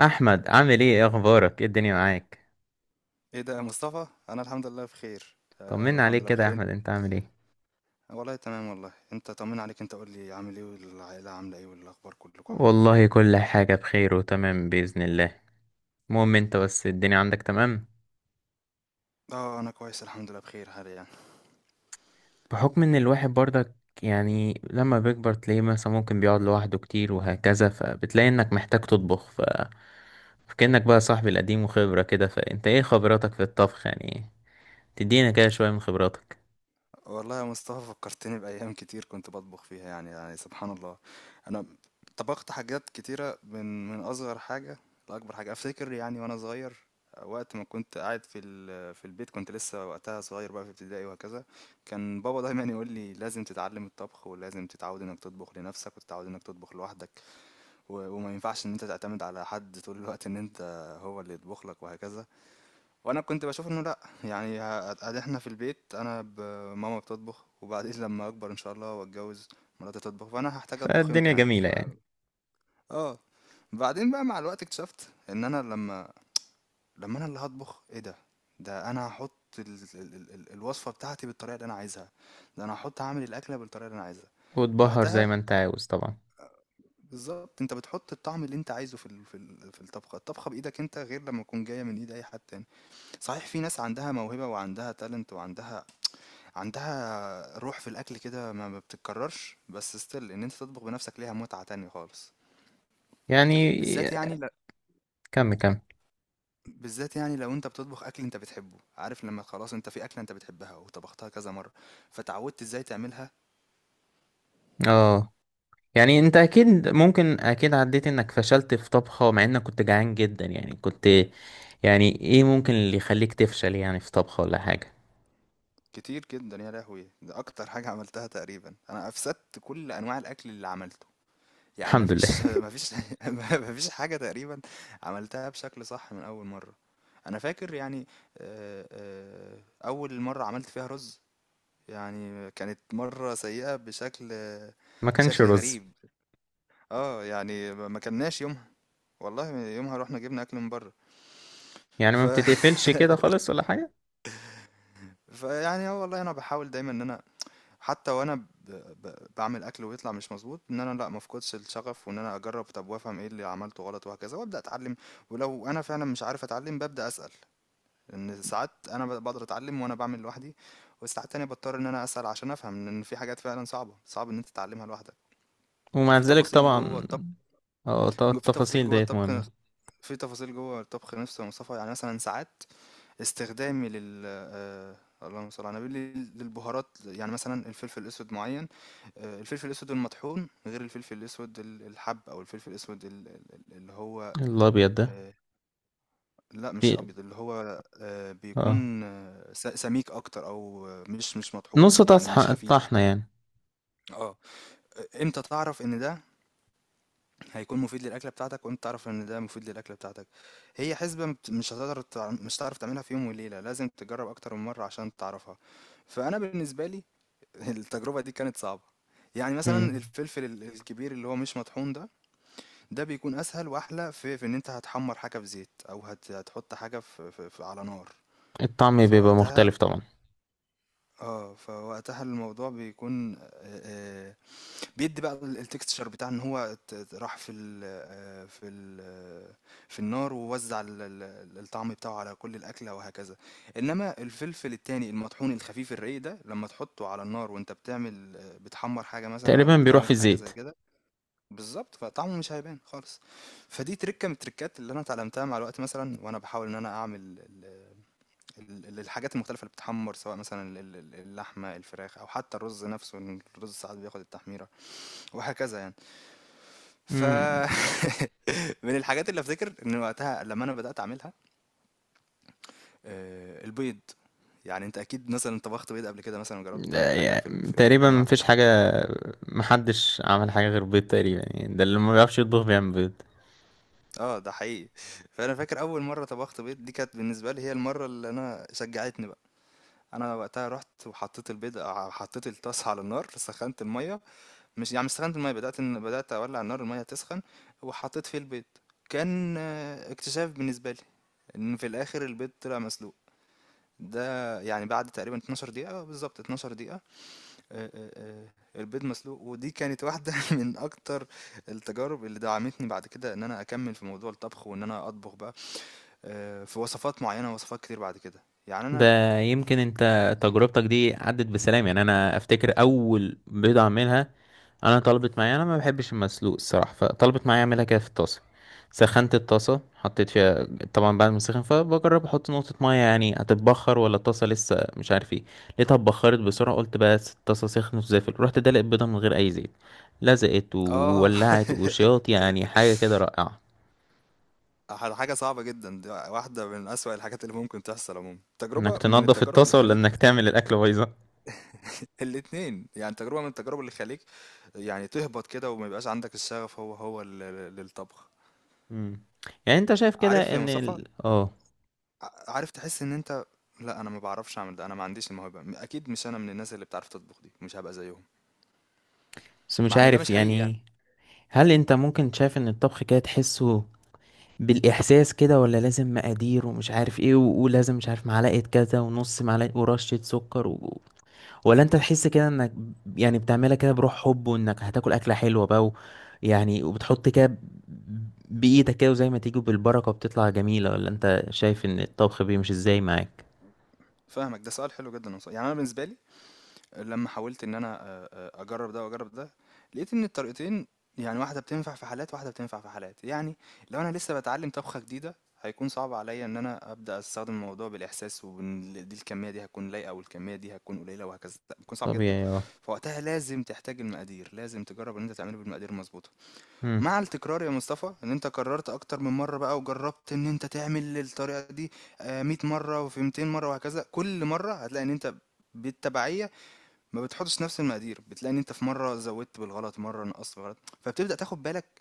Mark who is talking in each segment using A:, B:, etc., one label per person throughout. A: احمد عامل ايه، إيه اخبارك، ايه الدنيا معاك؟
B: ايه ده يا مصطفى، انا الحمد لله بخير، انا
A: طمنا
B: الحمد
A: عليك
B: لله
A: كده يا
B: بخير انت.
A: احمد، انت عامل ايه؟
B: والله تمام. والله انت طمنا عليك. انت قول لي عامل ايه، والعائله عامله ايه، والاخبار كلكم عاملين ايه.
A: والله كل حاجة بخير وتمام بإذن الله. المهم انت بس الدنيا عندك تمام؟
B: اه، انا كويس الحمد لله بخير حاليا.
A: بحكم ان الواحد برضك يعني لما بيكبر تلاقيه مثلا ممكن بيقعد لوحده كتير وهكذا، فبتلاقي انك محتاج تطبخ. ف فكأنك بقى صاحبي القديم وخبرة كده، فانت ايه خبراتك في الطبخ يعني؟ تدينا كده شوية من خبراتك.
B: والله يا مصطفى فكرتني بأيام كتير كنت بطبخ فيها، يعني سبحان الله. أنا طبخت حاجات كتيرة، من أصغر حاجة لأكبر حاجة أفتكر يعني. وأنا صغير وقت ما كنت قاعد في في البيت، كنت لسه وقتها صغير بقى في ابتدائي وهكذا. كان بابا دايما يقول لي لازم تتعلم الطبخ، ولازم تتعود انك تطبخ لنفسك، وتتعود انك تطبخ لوحدك. وما ينفعش ان انت تعتمد على حد طول الوقت، ان انت هو اللي يطبخ لك وهكذا. وانا كنت بشوف انه لا، يعني احنا في البيت انا ماما بتطبخ، وبعدين لما اكبر ان شاء الله واتجوز مراتي تطبخ، فانا هحتاج اطبخ امتى
A: فالدنيا
B: يعني
A: جميلة يعني.
B: اه. بعدين بقى مع الوقت اكتشفت ان انا لما انا اللي هطبخ، ايه ده، ده انا هحط ال... الوصفه بتاعتي بالطريقه اللي انا عايزها، ده انا هحط هعمل الاكله بالطريقه اللي انا عايزها
A: وتبهر زي
B: وقتها.
A: ما انت عاوز طبعا.
B: بالظبط، انت بتحط الطعم اللي انت عايزه في الطبخه، الطبخه بايدك انت، غير لما تكون جايه من ايد اي حد تاني. صحيح، في ناس عندها موهبه وعندها تالنت وعندها روح في الاكل كده، ما بتتكررش، بس ستيل ان انت تطبخ بنفسك ليها متعة تانية خالص.
A: يعني
B: بالذات يعني
A: كمل كمل.
B: بالذات يعني لو انت بتطبخ اكل انت بتحبه. عارف لما خلاص انت في اكلة انت بتحبها وطبختها كذا مرة، فتعودت ازاي تعملها.
A: اه يعني انت اكيد، ممكن اكيد عديت انك فشلت في طبخة مع انك كنت جعان جدا يعني، كنت يعني ايه ممكن اللي يخليك تفشل يعني في طبخة ولا حاجة؟
B: كتير جدا يا لهوي، ده اكتر حاجة عملتها تقريبا. انا افسدت كل انواع الاكل اللي عملته، يعني
A: الحمد لله.
B: مفيش مفيش مفيش حاجة تقريبا عملتها بشكل صح من اول مرة. انا فاكر يعني، آه، آه، اول مرة عملت فيها رز يعني، كانت مرة سيئة بشكل،
A: ما كانش
B: شكل
A: رز.
B: غريب. اه يعني ما كناش يومها، والله يومها رحنا جبنا اكل من بره.
A: يعني
B: ف
A: ما بتتقفلش كده خالص ولا حاجة؟
B: فيعني اه والله انا بحاول دايما ان انا حتى وانا بعمل اكل ويطلع مش مظبوط، ان انا لا، ما افقدش الشغف، وان انا اجرب، طب وافهم ايه اللي عملته غلط وهكذا، وابدا اتعلم. ولو انا فعلا مش عارف اتعلم، ببدا اسال، لان ساعات انا بقدر اتعلم وانا بعمل لوحدي، وساعات تانية بضطر ان انا اسال عشان افهم، لان في حاجات فعلا صعبه، صعب ان انت تتعلمها لوحدك.
A: ومع
B: وفي
A: ذلك
B: تفاصيل جوه،
A: طبعا. اه،
B: جو- في تفاصيل
A: التفاصيل
B: جوه
A: ديت
B: الطبخ
A: مهمة.
B: نفس- في تفاصيل جوه الطبخ نفسه يا مصطفى. يعني مثلا ساعات استخدامي لل اللهم صل على النبي للبهارات، يعني مثلا الفلفل الاسود معين، الفلفل الاسود المطحون غير الفلفل الاسود الحب، او الفلفل الاسود اللي هو
A: الابيض ده؟
B: آه، لا مش
A: في
B: ابيض، اللي هو
A: اه،
B: بيكون سميك اكتر، او مش مش مطحون
A: نص
B: يعني، مش خفيف.
A: طحنة يعني.
B: اه، امتى تعرف ان ده هيكون مفيد للأكلة بتاعتك؟ وأنت تعرف إن ده مفيد للأكلة بتاعتك، هي حسبة مش هتقدر مش هتعرف تعملها في يوم وليلة، لازم تجرب أكتر من مرة عشان تعرفها. فأنا بالنسبة لي التجربة دي كانت صعبة. يعني مثلا
A: مم.
B: الفلفل الكبير اللي هو مش مطحون ده، ده بيكون أسهل وأحلى في إن أنت هتحمر حاجة في زيت، أو هتحط حاجة في على نار.
A: الطعم بيبقى
B: فوقتها،
A: مختلف طبعا.
B: اه فوقتها الموضوع بيكون بيدي بقى الtexture بتاع إن هو ت ت راح في ال، في النار، ووزّع ال ال الطعم بتاعه على كل الأكلة وهكذا. إنما الفلفل التاني المطحون الخفيف الرقيق ده، لمّا تحطه على النار وأنت بتعمل، بتحمّر حاجة مثلًا أو
A: تقريبا بيروح في
B: بتعمل حاجة
A: الزيت.
B: زي كده، بالضبط، فطعمه مش هيبان خالص. فدي ترِكّة من التريكات اللي أنا اتعلمتها مع الوقت مثلًا، وأنا باحاول إن أنا أعمل ال ال ال الحاجات المختلفة اللي بتتحمّر، سواء مثلًا ال ال اللحمة، الفراخ، أو حتى الرز نفسه، إن الرز ساعات بياخد التحميرة وهكذا يعني. ف
A: مم.
B: من الحاجات اللي افتكر إن وقتها لمّا أنا بدأت أعملها، البيض. يعني أنت أكيد مثلًا طبخت بيض قبل كده، مثلًا وجرّبت تعمل
A: لا
B: حاجة في
A: يعني
B: في البيض
A: تقريبا
B: بأنواعه.
A: مفيش حاجة، محدش عمل حاجة غير بيض تقريبا يعني، ده اللي ما بيعرفش يطبخ بيعمل بيض.
B: ده حقيقي. فأنا فاكر أول مرّة طبخت بيض، دي كانت بالنسبة لي هي المرّة اللي أنا شجّعتني بقى. أنا وقتها رُحت وحطّيت البيض، حطّيت الطاسة على النار، سخّنت المَيّة، مش يعني مش سخّنت المَيّة، بدأت إن بدأت أولّع النار المَيّة تسخن، وحطّيت فيه البيض. كان اكتشاف بالنسبة لي، إن في الآخر البيض طلع مسلوق. ده يعني بعد تقريبًا 12 دقيقة، بالضبط 12 دقيقة، البيض مسلوق، ودي كانت واحدة من أكتر التجارب اللي دعمتني بعد كده، إن أنا أكمّل في موضوع الطبخ، وإن أنا أطبخ بقى في وصفات معيّنة، وصفات كتير بعد كده. يعني أنا
A: ده يمكن انت تجربتك دي عدت بسلام. يعني انا افتكر اول بيضة اعملها، انا طلبت معايا، انا ما بحبش المسلوق الصراحة، فطلبت معايا اعملها كده في الطاسة. سخنت الطاسة، حطيت فيها، طبعا بعد ما سخن، فبجرب احط نقطة مية يعني هتتبخر ولا الطاسة لسه مش عارف ايه. لقيتها اتبخرت بسرعة، قلت بس الطاسة سخنت وزفت، رحت دلق البيضة من غير اي زيت، لزقت
B: آه
A: وولعت وشياط، يعني حاجة كده رائعة.
B: حاجة صعبة جدًا، ده واحدة من أسوأ الحاجات اللي ممكن تحصل عمومًا.
A: انك
B: تجربة من
A: تنضف
B: التجارب اللي
A: الطاسة ولا
B: تخلّيك،
A: انك تعمل الاكل بايظة.
B: الاتنين، يعني تجربة من التجارب اللي تخلّيك يعني تهبط كده، وما يبقاش عندك الشغف هو للطبخ.
A: مم. يعني انت شايف كده
B: عارف يا
A: ان
B: مصطفى،
A: ال... اه
B: عارف تحس ان انت لا انا ما بعرفش اعمل ده، انا ما عنديش الموهبه، اكيد مش انا من الناس اللي بتعرف تطبخ، دي مش هبقى زيهم.
A: بس مش
B: مع ان ده
A: عارف
B: مش حقيقي يعني.
A: يعني؟ هل انت ممكن شايف ان الطبخ كده تحسه بالاحساس كده، ولا لازم مقادير ومش عارف ايه، ولازم مش عارف معلقة كذا ونص معلقة ورشة سكر و...؟ ولا انت تحس كده انك يعني بتعملها كده بروح حب، وانك هتاكل اكلة حلوة بقى و...؟ يعني وبتحط كده بايدك كده وزي ما تيجي بالبركة وبتطلع جميلة، ولا انت شايف ان الطبخ بيمشي ازاي معاك؟
B: فاهمك، ده سؤال حلو جدا والله. يعني انا بالنسبه لي لما حاولت ان انا اجرب ده واجرب ده، لقيت ان الطريقتين، يعني واحده بتنفع في حالات، واحده بتنفع في حالات يعني. لو انا لسه بتعلم طبخه جديده، هيكون صعب عليا ان انا ابدا استخدم الموضوع بالاحساس، وان دي الكميه دي هتكون لايقه، والكميه دي هتكون قليله وهكذا، بيكون صعب جدا.
A: طبيعي.
B: فوقتها لازم تحتاج المقادير، لازم تجرب ان انت تعمله بالمقادير المظبوطه.
A: اه
B: مع التكرار يا مصطفى، ان انت قررت اكتر من مره بقى وجربت ان انت تعمل الطريقه دي 100 مره وفي 200 مره وهكذا، كل مره هتلاقي ان انت بالتبعيه ما بتحطش نفس المقادير. بتلاقي ان انت في مره زودت بالغلط، مره نقصت بالغلط، فبتبدا تاخد بالك،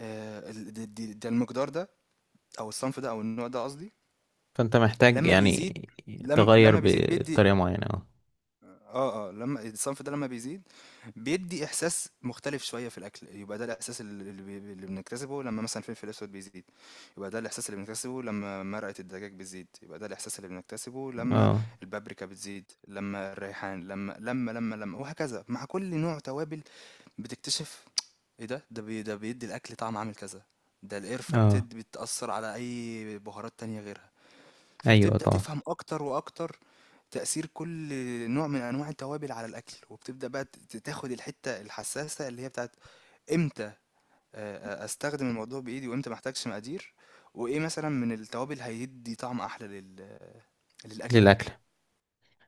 B: ده المقدار ده، او الصنف ده، او النوع ده قصدي.
A: فانت محتاج
B: لما
A: يعني
B: بيزيد، لم
A: تغير
B: لما بيزيد بيدي،
A: بطريقة معينة، اه
B: اه اه لما الصنف ده لما بيزيد بيدي احساس مختلف شويه في الاكل، يبقى ده الاحساس اللي بنكتسبه. لما مثلا الفلفل الاسود بيزيد، يبقى ده الاحساس اللي بنكتسبه. لما مرقه الدجاج بتزيد، يبقى ده الاحساس اللي بنكتسبه. لما
A: اه
B: البابريكا بتزيد، لما الريحان، لما لما لما لما وهكذا مع كل نوع توابل. بتكتشف ايه ده، ده بي ده بيدي الاكل طعم عامل كذا. ده القرفه
A: اه.
B: بتاثر على اي بهارات تانية غيرها.
A: ايوه
B: فبتبدا
A: طبعا.
B: تفهم اكتر واكتر تأثير كل نوع من أنواع التوابل على الأكل، وبتبدأ بقى ت ت تاخد الحتّة الحسّاسة اللي هي بتاعة إمتى أستخدم الموضوع بإيدي، وإمتى ما أحتاجش مقادير، وإيه مثلًا من التوابل هيدّي طعم أحلى لل، للأكلة دي.
A: للاكل.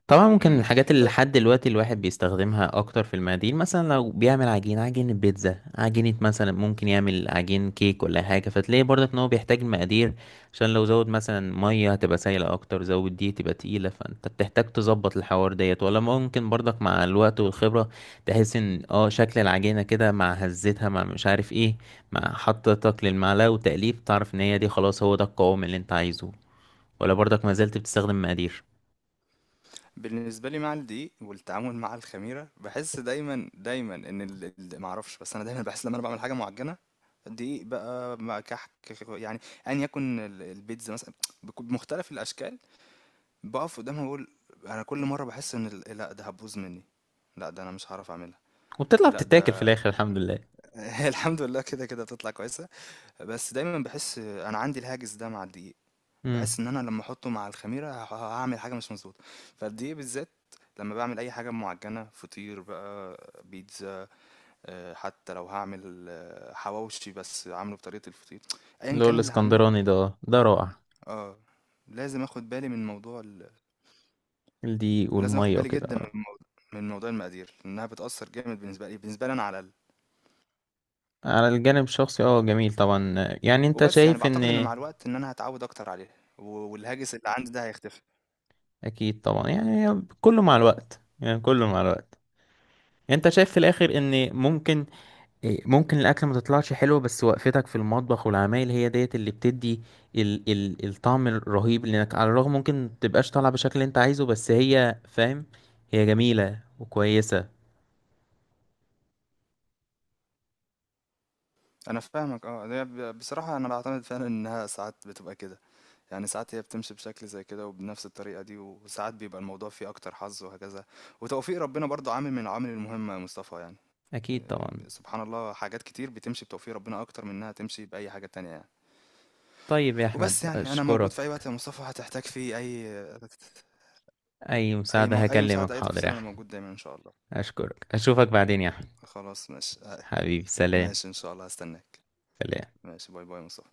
A: طبعا ممكن من
B: إمم.
A: الحاجات اللي لحد دلوقتي الواحد بيستخدمها اكتر في المقادير، مثلا لو بيعمل عجين، عجينة بيتزا، عجينة مثلا، ممكن يعمل عجين كيك ولا حاجة، فتلاقي برضك ان هو بيحتاج المقادير، عشان لو زود مثلا مية هتبقى سايلة اكتر، زود دي تبقى تقيلة، فانت بتحتاج تظبط الحوار ديت. ولا ممكن برضك مع الوقت والخبرة تحس ان اه شكل العجينة كده مع هزتها، مع مش عارف ايه، مع حطتك للمعلقة وتقليب، تعرف ان هي دي خلاص هو ده القوام اللي انت عايزه؟ ولا برضك ما زلت بتستخدم مقادير؟
B: فبالنسبة لي مع الدقيق والتعامل مع الخميرة، باحس دايمًا إن ال ال ما أعرفش، بس أنا دايمًا باحس لمّا أنا باعمل حاجة معجّنة، دقيق بقى مع كحك يعني، أيًا يكن البيتزا مثلًا، بمختلف الأشكال. بقف قدامها بقول انا كل مره بحس ان لا ده هتبوظ مني، لا ده انا مش هعرف اعملها،
A: وبتطلع
B: لا
A: بتتاكل في
B: ده
A: الاخر الحمد لله.
B: هي الحمد لله كده كده بتطلع كويسه. بس دايما بحس انا عندي الهاجس ده مع الدقيق.
A: امم.
B: بحس ان انا لما احطه مع الخميره هعمل حاجه مش مظبوطه. فالدقيق بالذات لما بعمل اي حاجه معجنه، فطير بقى، بيتزا، حتى لو هعمل حواوشي بس عامله بطريقه الفطير، ايا
A: اللي هو
B: كان اللي هعمله،
A: الاسكندراني ده؟ آه، ده رائع.
B: اه لازم اخد بالي من موضوع
A: الدقيق
B: لازم اخد
A: والميه
B: بالي
A: وكده
B: جدا
A: اه.
B: من موضوع المقادير، لانها بتأثر جامد بالنسبة لي، بالنسبة لي انا على الاقل.
A: على الجانب الشخصي اه، جميل طبعا. آه، يعني انت
B: وبس يعني
A: شايف ان
B: بعتقد ان مع الوقت ان انا هتعود اكتر عليها، والهاجس اللي عندي ده هيختفي.
A: اكيد طبعا، يعني كله مع الوقت، يعني كله مع الوقت. يعني انت شايف في الاخر ان ممكن، إيه، ممكن الاكل ما تطلعش حلو، بس وقفتك في المطبخ والعمايل هي ديت اللي بتدي ال الطعم الرهيب، لانك على الرغم ممكن تبقاش طالعه بالشكل اللي انت عايزه، بس هي فاهم، هي جميله وكويسه.
B: انا فاهمك، اه ده بصراحة انا بعتمد فعلا انها ساعات بتبقى كده. يعني ساعات هي بتمشي بشكل زي كده وبنفس الطريقة دي، وساعات بيبقى الموضوع فيه اكتر حظ وهكذا. وتوفيق ربنا برضو عامل من العوامل المهمة يا مصطفى يعني.
A: اكيد طبعا.
B: إيه، سبحان الله، حاجات كتير بتمشي بتوفيق ربنا اكتر من انها تمشي بأي حاجة تانية يعني.
A: طيب يا أحمد،
B: وبس يعني انا موجود في اي
A: أشكرك.
B: وقت يا مصطفى هتحتاج فيه اي،
A: أي
B: اي
A: مساعدة
B: اي
A: هكلمك،
B: مساعدة، اي
A: حاضر يا
B: تفاصيل، انا
A: أحمد.
B: موجود دايما ان شاء الله.
A: أشكرك، أشوفك بعدين يا أحمد.
B: خلاص ماشي،
A: حبيبي سلام.
B: ماشي ان شاء الله هستناك.
A: سلام.
B: ماشي، باي باي مصطفى.